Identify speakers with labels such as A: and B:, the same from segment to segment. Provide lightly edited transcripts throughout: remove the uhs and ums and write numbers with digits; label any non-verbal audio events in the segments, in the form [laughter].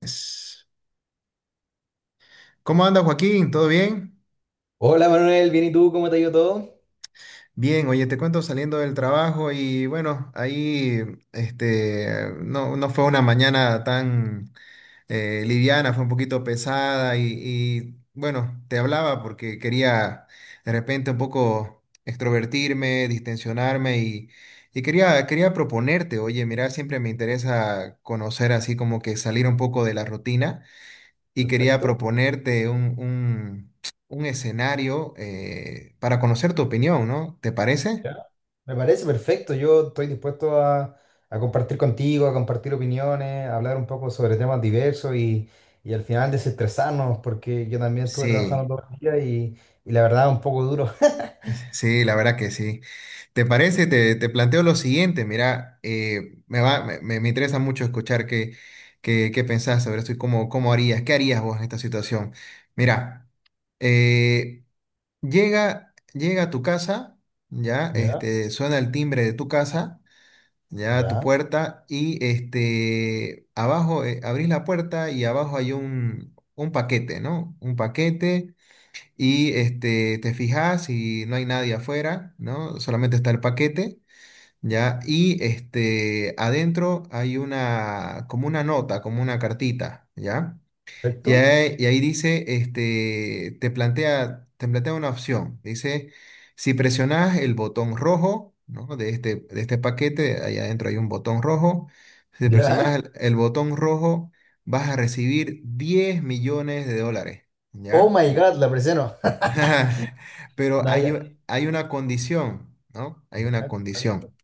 A: Es- ¿Cómo anda Joaquín? ¿Todo bien?
B: Hola Manuel, bien y tú, ¿cómo te ha ido todo?
A: Bien, oye, te cuento saliendo del trabajo y bueno, ahí este, no, no fue una mañana tan liviana, fue un poquito pesada y bueno, te hablaba porque quería de repente un poco extrovertirme, distensionarme y quería proponerte, oye, mira, siempre me interesa conocer así como que salir un poco de la rutina. Y quería
B: Perfecto,
A: proponerte un escenario para conocer tu opinión, ¿no? ¿Te parece?
B: ya. Me parece perfecto. Yo estoy dispuesto a compartir contigo, a compartir opiniones, a hablar un poco sobre temas diversos y al final desestresarnos, porque yo también estuve
A: Sí,
B: trabajando todo el día y la verdad un poco duro. [laughs]
A: sí, la verdad que sí. ¿Te parece? Te planteo lo siguiente, mira, me va, me- me interesa mucho escuchar qué pensás sobre esto y cómo harías, qué harías vos en esta situación. Mira, eh, llega a tu casa, ya,
B: Ya,
A: este, suena el timbre de tu casa, ya tu
B: ya,
A: puerta, y este abajo abrís la puerta y abajo hay un paquete, ¿no? Un paquete, y este te fijas y no hay nadie afuera, ¿no? Solamente está el paquete, ¿ya? Y este adentro hay una, como una nota, como una cartita, ¿ya?
B: perfecto.
A: Y ahí dice, este, te plantea una opción. Dice, si presionas el botón rojo, ¿no? De este paquete, ahí adentro hay un botón rojo. Si presionas
B: Ya.
A: el botón rojo, vas a recibir 10 millones de dólares,
B: Oh
A: ¿ya?
B: my God, la presiono.
A: [laughs] Pero
B: [laughs]
A: hay,
B: Naya.
A: u- hay una condición, ¿no? Hay
B: Ya,
A: una
B: ¿cuál es la
A: condición.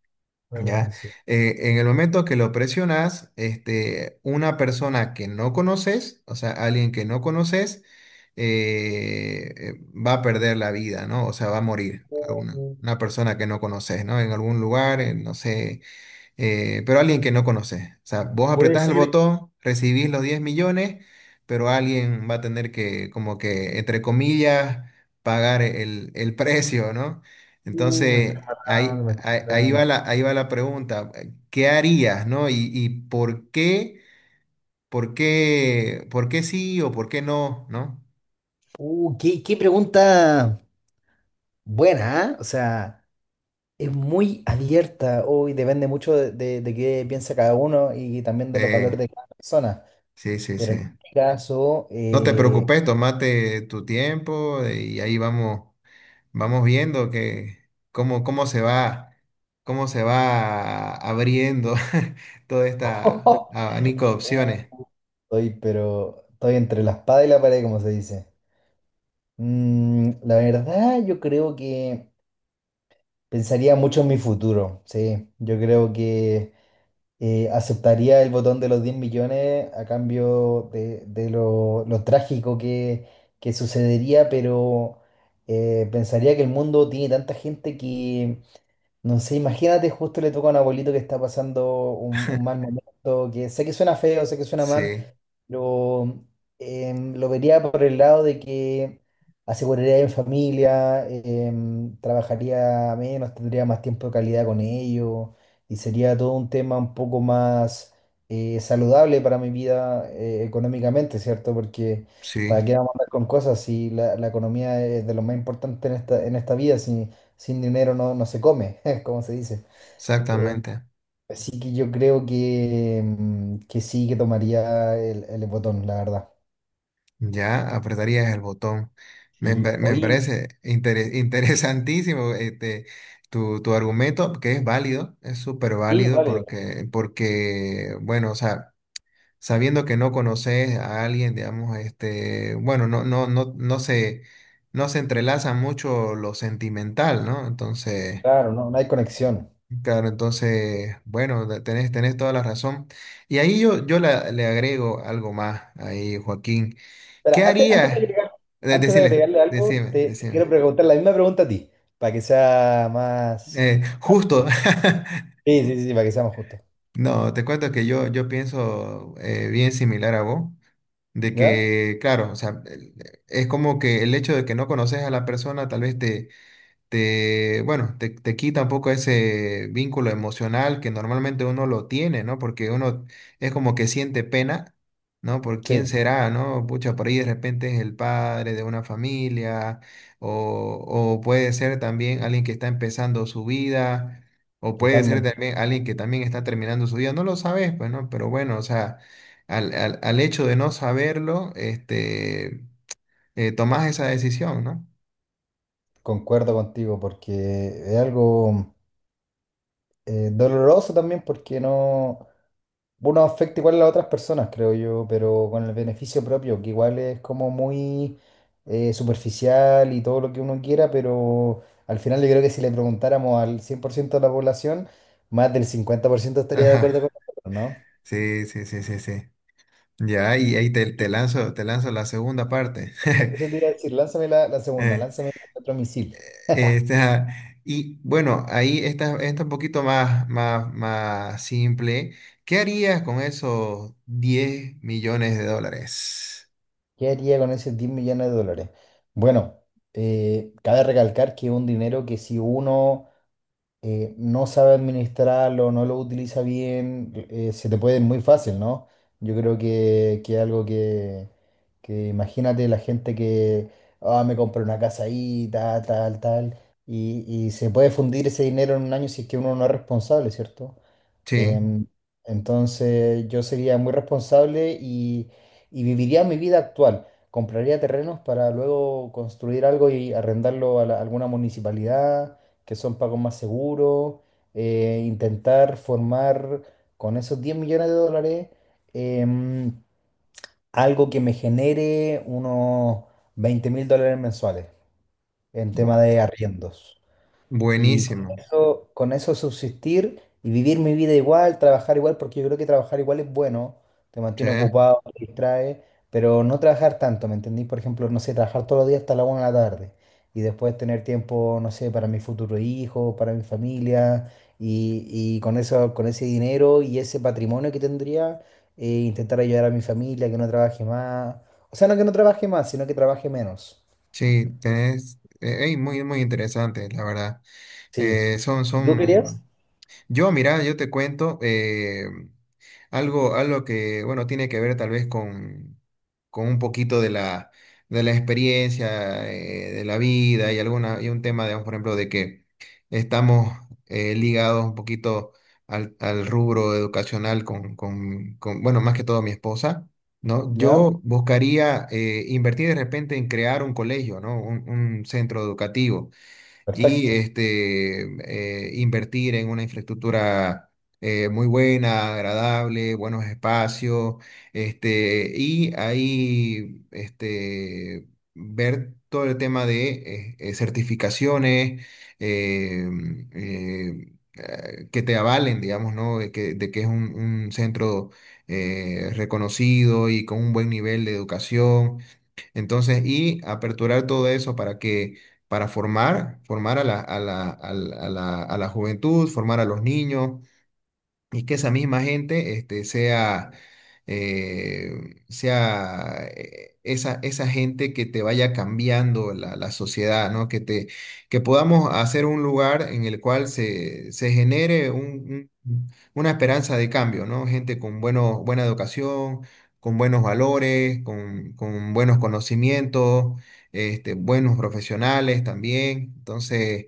B: cuál es la
A: ¿Ya?
B: condición?
A: En el momento que lo presionas, este, una persona que no conoces, o sea, alguien que no conoces, va a perder la vida, ¿no? O sea, va a morir a
B: Uh,
A: una persona que no conoces, ¿no? En algún lugar, en, no sé, pero alguien que no conoces. O sea, vos
B: Puede
A: apretás el
B: ser.
A: botón, recibís los 10 millones, pero alguien va a tener que, como que, entre comillas, pagar el [laughs] precio, ¿no?
B: Me está
A: Entonces,
B: matando, me está matando.
A: ahí va la pregunta, ¿qué harías, no? Y por qué, sí o por qué no, ¿no?
B: Qué pregunta buena, ¿ah? O sea, es muy abierta, hoy depende mucho de qué piensa cada uno y también de los valores
A: Eh,
B: de cada persona.
A: sí, sí,
B: Pero
A: sí.
B: en este caso,
A: No te preocupes, tomate tu tiempo, y ahí vamos. Vamos viendo que cómo, cómo se va, cómo se va abriendo [laughs] toda esta
B: [laughs]
A: abanico de opciones.
B: estoy entre la espada y la pared, como se dice. La verdad, yo creo que pensaría mucho en mi futuro, sí. Yo creo que aceptaría el botón de los 10 millones a cambio de lo trágico que sucedería, pero pensaría que el mundo tiene tanta gente que, no sé, imagínate, justo le toca a un abuelito que está pasando un mal momento, que sé que suena feo, sé que suena mal,
A: Sí,
B: pero lo vería por el lado de que aseguraría en familia, trabajaría menos, tendría más tiempo de calidad con ellos y sería todo un tema un poco más saludable para mi vida económicamente, ¿cierto? Porque
A: sí,
B: para qué vamos a andar con cosas si la economía es de lo más importante en esta vida, sin dinero no se come, [laughs] como se dice. Em,
A: exactamente.
B: Así que yo creo que sí que tomaría el botón, la verdad.
A: Ya apretarías el botón.
B: Sí,
A: Me
B: hoy.
A: parece [laughs] interesantísimo este, tu argumento, que es válido, es súper
B: Sí,
A: válido
B: vale,
A: porque, bueno, o sea, sabiendo que no conoces a alguien, digamos, este, bueno, no se entrelaza mucho lo sentimental, ¿no? Entonces,
B: claro, no, no hay conexión.
A: claro, entonces, bueno, tenés toda la razón. Y ahí yo le agrego algo más ahí, Joaquín.
B: Pero
A: ¿Qué
B: antes, antes de
A: harías?
B: agregar- antes de
A: Decile,
B: agregarle algo, te
A: decime.
B: quiero preguntar la misma pregunta a ti, para que sea más...
A: Justo. [laughs]
B: Sí, sí, sí, para que sea más justo.
A: No, te cuento que yo pienso, bien similar a vos. De
B: ¿Ya?
A: que, claro, o sea, es como que el hecho de que no conoces a la persona, tal vez te quita un poco ese vínculo emocional que normalmente uno lo tiene, ¿no? Porque uno es como que siente pena, ¿no? Por quién
B: Sí,
A: será, ¿no? Pucha, por ahí de repente es el padre de una familia, o, o puede ser también alguien que está empezando su vida, o puede ser
B: totalmente.
A: también alguien que también está terminando su vida, no lo sabes, pues, ¿no? Pero bueno, o sea, al hecho de no saberlo, este, tomás esa decisión, ¿no?
B: Concuerdo contigo, porque es algo doloroso también, porque no... Uno afecta igual a las otras personas, creo yo, pero con el beneficio propio, que igual es como muy superficial y todo lo que uno quiera, pero al final yo creo que si le preguntáramos al 100% de la población, más del 50%
A: [laughs]
B: estaría de acuerdo con
A: Ajá.
B: nosotros, ¿no?
A: Sí, sí, sí, sí, sí. Ya, y ahí te lanzo la segunda parte.
B: Eso
A: [laughs]
B: te iba a decir, lánzame la segunda, lánzame otro misil. [laughs]
A: Eh, esta- y bueno, ahí está, está un poquito más simple. ¿Qué harías con esos 10 millones de dólares?
B: ¿Qué haría con esos 10 millones de dólares? Bueno, cabe recalcar que es un dinero que si uno no sabe administrarlo, no lo utiliza bien, se te puede ir muy fácil, ¿no? Yo creo que algo que imagínate la gente que, ah, me compré una casa ahí, tal, tal, tal, y se puede fundir ese dinero en un año si es que uno no es responsable, ¿cierto?
A: Sí,
B: Em, entonces yo sería muy responsable y viviría mi vida actual. Compraría terrenos para luego construir algo y arrendarlo a alguna municipalidad, que son pagos más seguros. Intentar formar con esos 10 millones de dólares em, algo que me genere unos 20.000 dólares mensuales en tema
A: bu-
B: de arriendos. Y
A: buenísimo.
B: con eso subsistir y vivir mi vida igual, trabajar igual, porque yo creo que trabajar igual es bueno, te
A: Sí,
B: mantiene ocupado, te distrae, pero no trabajar tanto, ¿me entendís? Por ejemplo, no sé, trabajar todos los días hasta la 1 de la tarde y después tener tiempo, no sé, para mi futuro hijo, para mi familia y con eso, con ese dinero y ese patrimonio que tendría, intentar ayudar a mi familia, que no trabaje más, o sea, no que no trabaje más, sino que trabaje menos.
A: sí, tenés, ey, muy interesante, la verdad.
B: Sí.
A: Son,
B: ¿Y tú querías?
A: son Yo, mira, yo te cuento, algo que, bueno, tiene que ver tal vez con un poquito de de la experiencia, de la vida y, alguna, y un tema, digamos, por ejemplo, de que estamos, ligados un poquito al rubro educacional con, bueno, más que todo mi esposa, ¿no?
B: Ya,
A: Yo buscaría, invertir de repente en crear un colegio, ¿no? Un centro educativo. Y
B: perfecto.
A: este, invertir en una infraestructura muy buena, agradable, buenos espacios, este, y ahí este, ver todo el tema de certificaciones eh, que te avalen, digamos, ¿no? De que es un centro reconocido y con un buen nivel de educación. Entonces, y aperturar todo eso para que, formar a a la juventud, formar a los niños, y que esa misma gente este, sea esa gente que te vaya cambiando la sociedad, ¿no? Que podamos hacer un lugar en el cual se genere una esperanza de cambio, ¿no? Gente con buena educación, con buenos valores, con buenos conocimientos, este, buenos profesionales también. Entonces,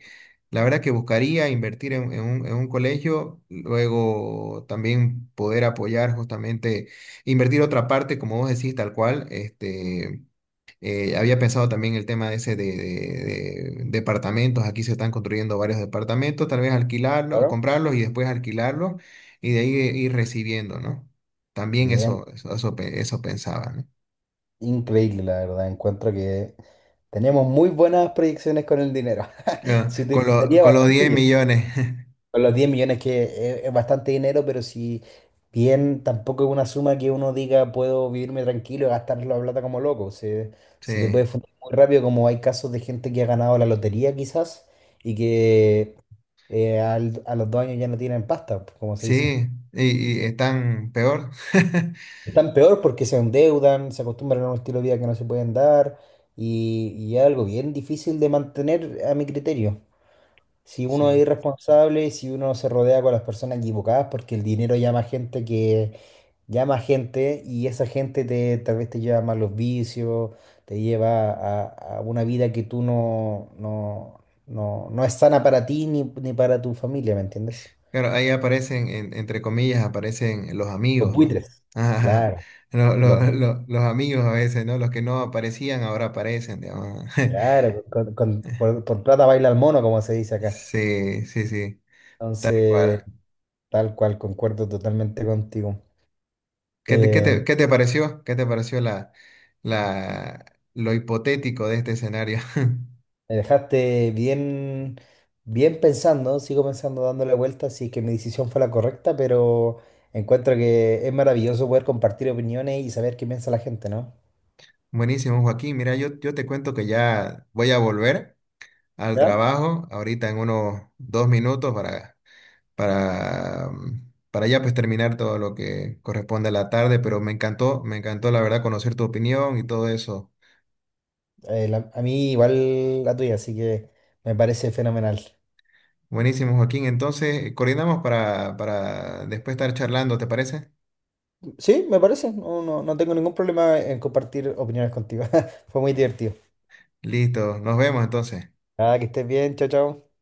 A: la verdad que buscaría invertir en un colegio, luego también poder apoyar justamente, invertir otra parte, como vos decís, tal cual. Este, había pensado también el tema ese de departamentos, aquí se están construyendo varios departamentos, tal vez alquilarlos,
B: Claro.
A: comprarlos y después alquilarlos, y de ahí ir recibiendo, ¿no? También
B: Bien,
A: eso pensaba, ¿no?
B: increíble la verdad. Encuentro que tenemos muy buenas proyecciones con el dinero. [laughs]
A: Ah,
B: Se utilizaría
A: Con los
B: bastante
A: diez
B: bien.
A: millones,
B: Con los 10 millones que es bastante dinero, pero si bien tampoco es una suma que uno diga puedo vivirme tranquilo y gastar la plata como loco. Se,
A: [laughs]
B: se te
A: Sí,
B: puede fundir muy rápido, como hay casos de gente que ha ganado la lotería quizás y que a los 2 años ya no tienen pasta, como se dice.
A: sí, y están peor. [laughs]
B: Están peor porque se endeudan, se acostumbran a un estilo de vida que no se pueden dar y es algo bien difícil de mantener a mi criterio. Si uno es
A: Sí,
B: irresponsable, si uno se rodea con las personas equivocadas, porque el dinero llama gente que llama gente y esa gente te, tal vez te lleva a malos vicios, te lleva a una vida que tú no, no, no, no es sana para ti ni, ni para tu familia, ¿me entiendes?
A: claro, ahí aparecen, entre comillas, aparecen los
B: Los
A: amigos, ¿no?
B: buitres.
A: [laughs] Ajá,
B: Claro. los
A: los amigos a veces, ¿no? Los que no aparecían ahora aparecen, digamos. [laughs]
B: Claro, pues, por plata baila el mono, como se dice acá.
A: Sí, sí, sí, tal
B: Entonces,
A: cual.
B: tal cual, concuerdo totalmente contigo. Eh,
A: ¿Qué te pareció? ¿Qué te pareció la, lo hipotético de este escenario? [laughs]
B: Me dejaste bien, bien pensando, sigo pensando, dándole vueltas, si es que mi decisión fue la correcta, pero encuentro que es maravilloso poder compartir opiniones y saber qué piensa la gente, ¿no?
A: Buenísimo, Joaquín. Mira, yo te cuento que ya voy a volver al
B: ¿Ya?
A: trabajo ahorita en unos 2 minutos, para, para ya pues terminar todo lo que corresponde a la tarde, pero me encantó la verdad conocer tu opinión y todo eso.
B: A mí igual la tuya, así que me parece fenomenal.
A: Buenísimo, Joaquín. Entonces, coordinamos para después estar charlando, ¿te parece?
B: Sí, me parece, no, no, no tengo ningún problema en compartir opiniones contigo. [laughs] Fue muy divertido.
A: Listo, nos vemos entonces.
B: Nada, que estés bien, chao, chao.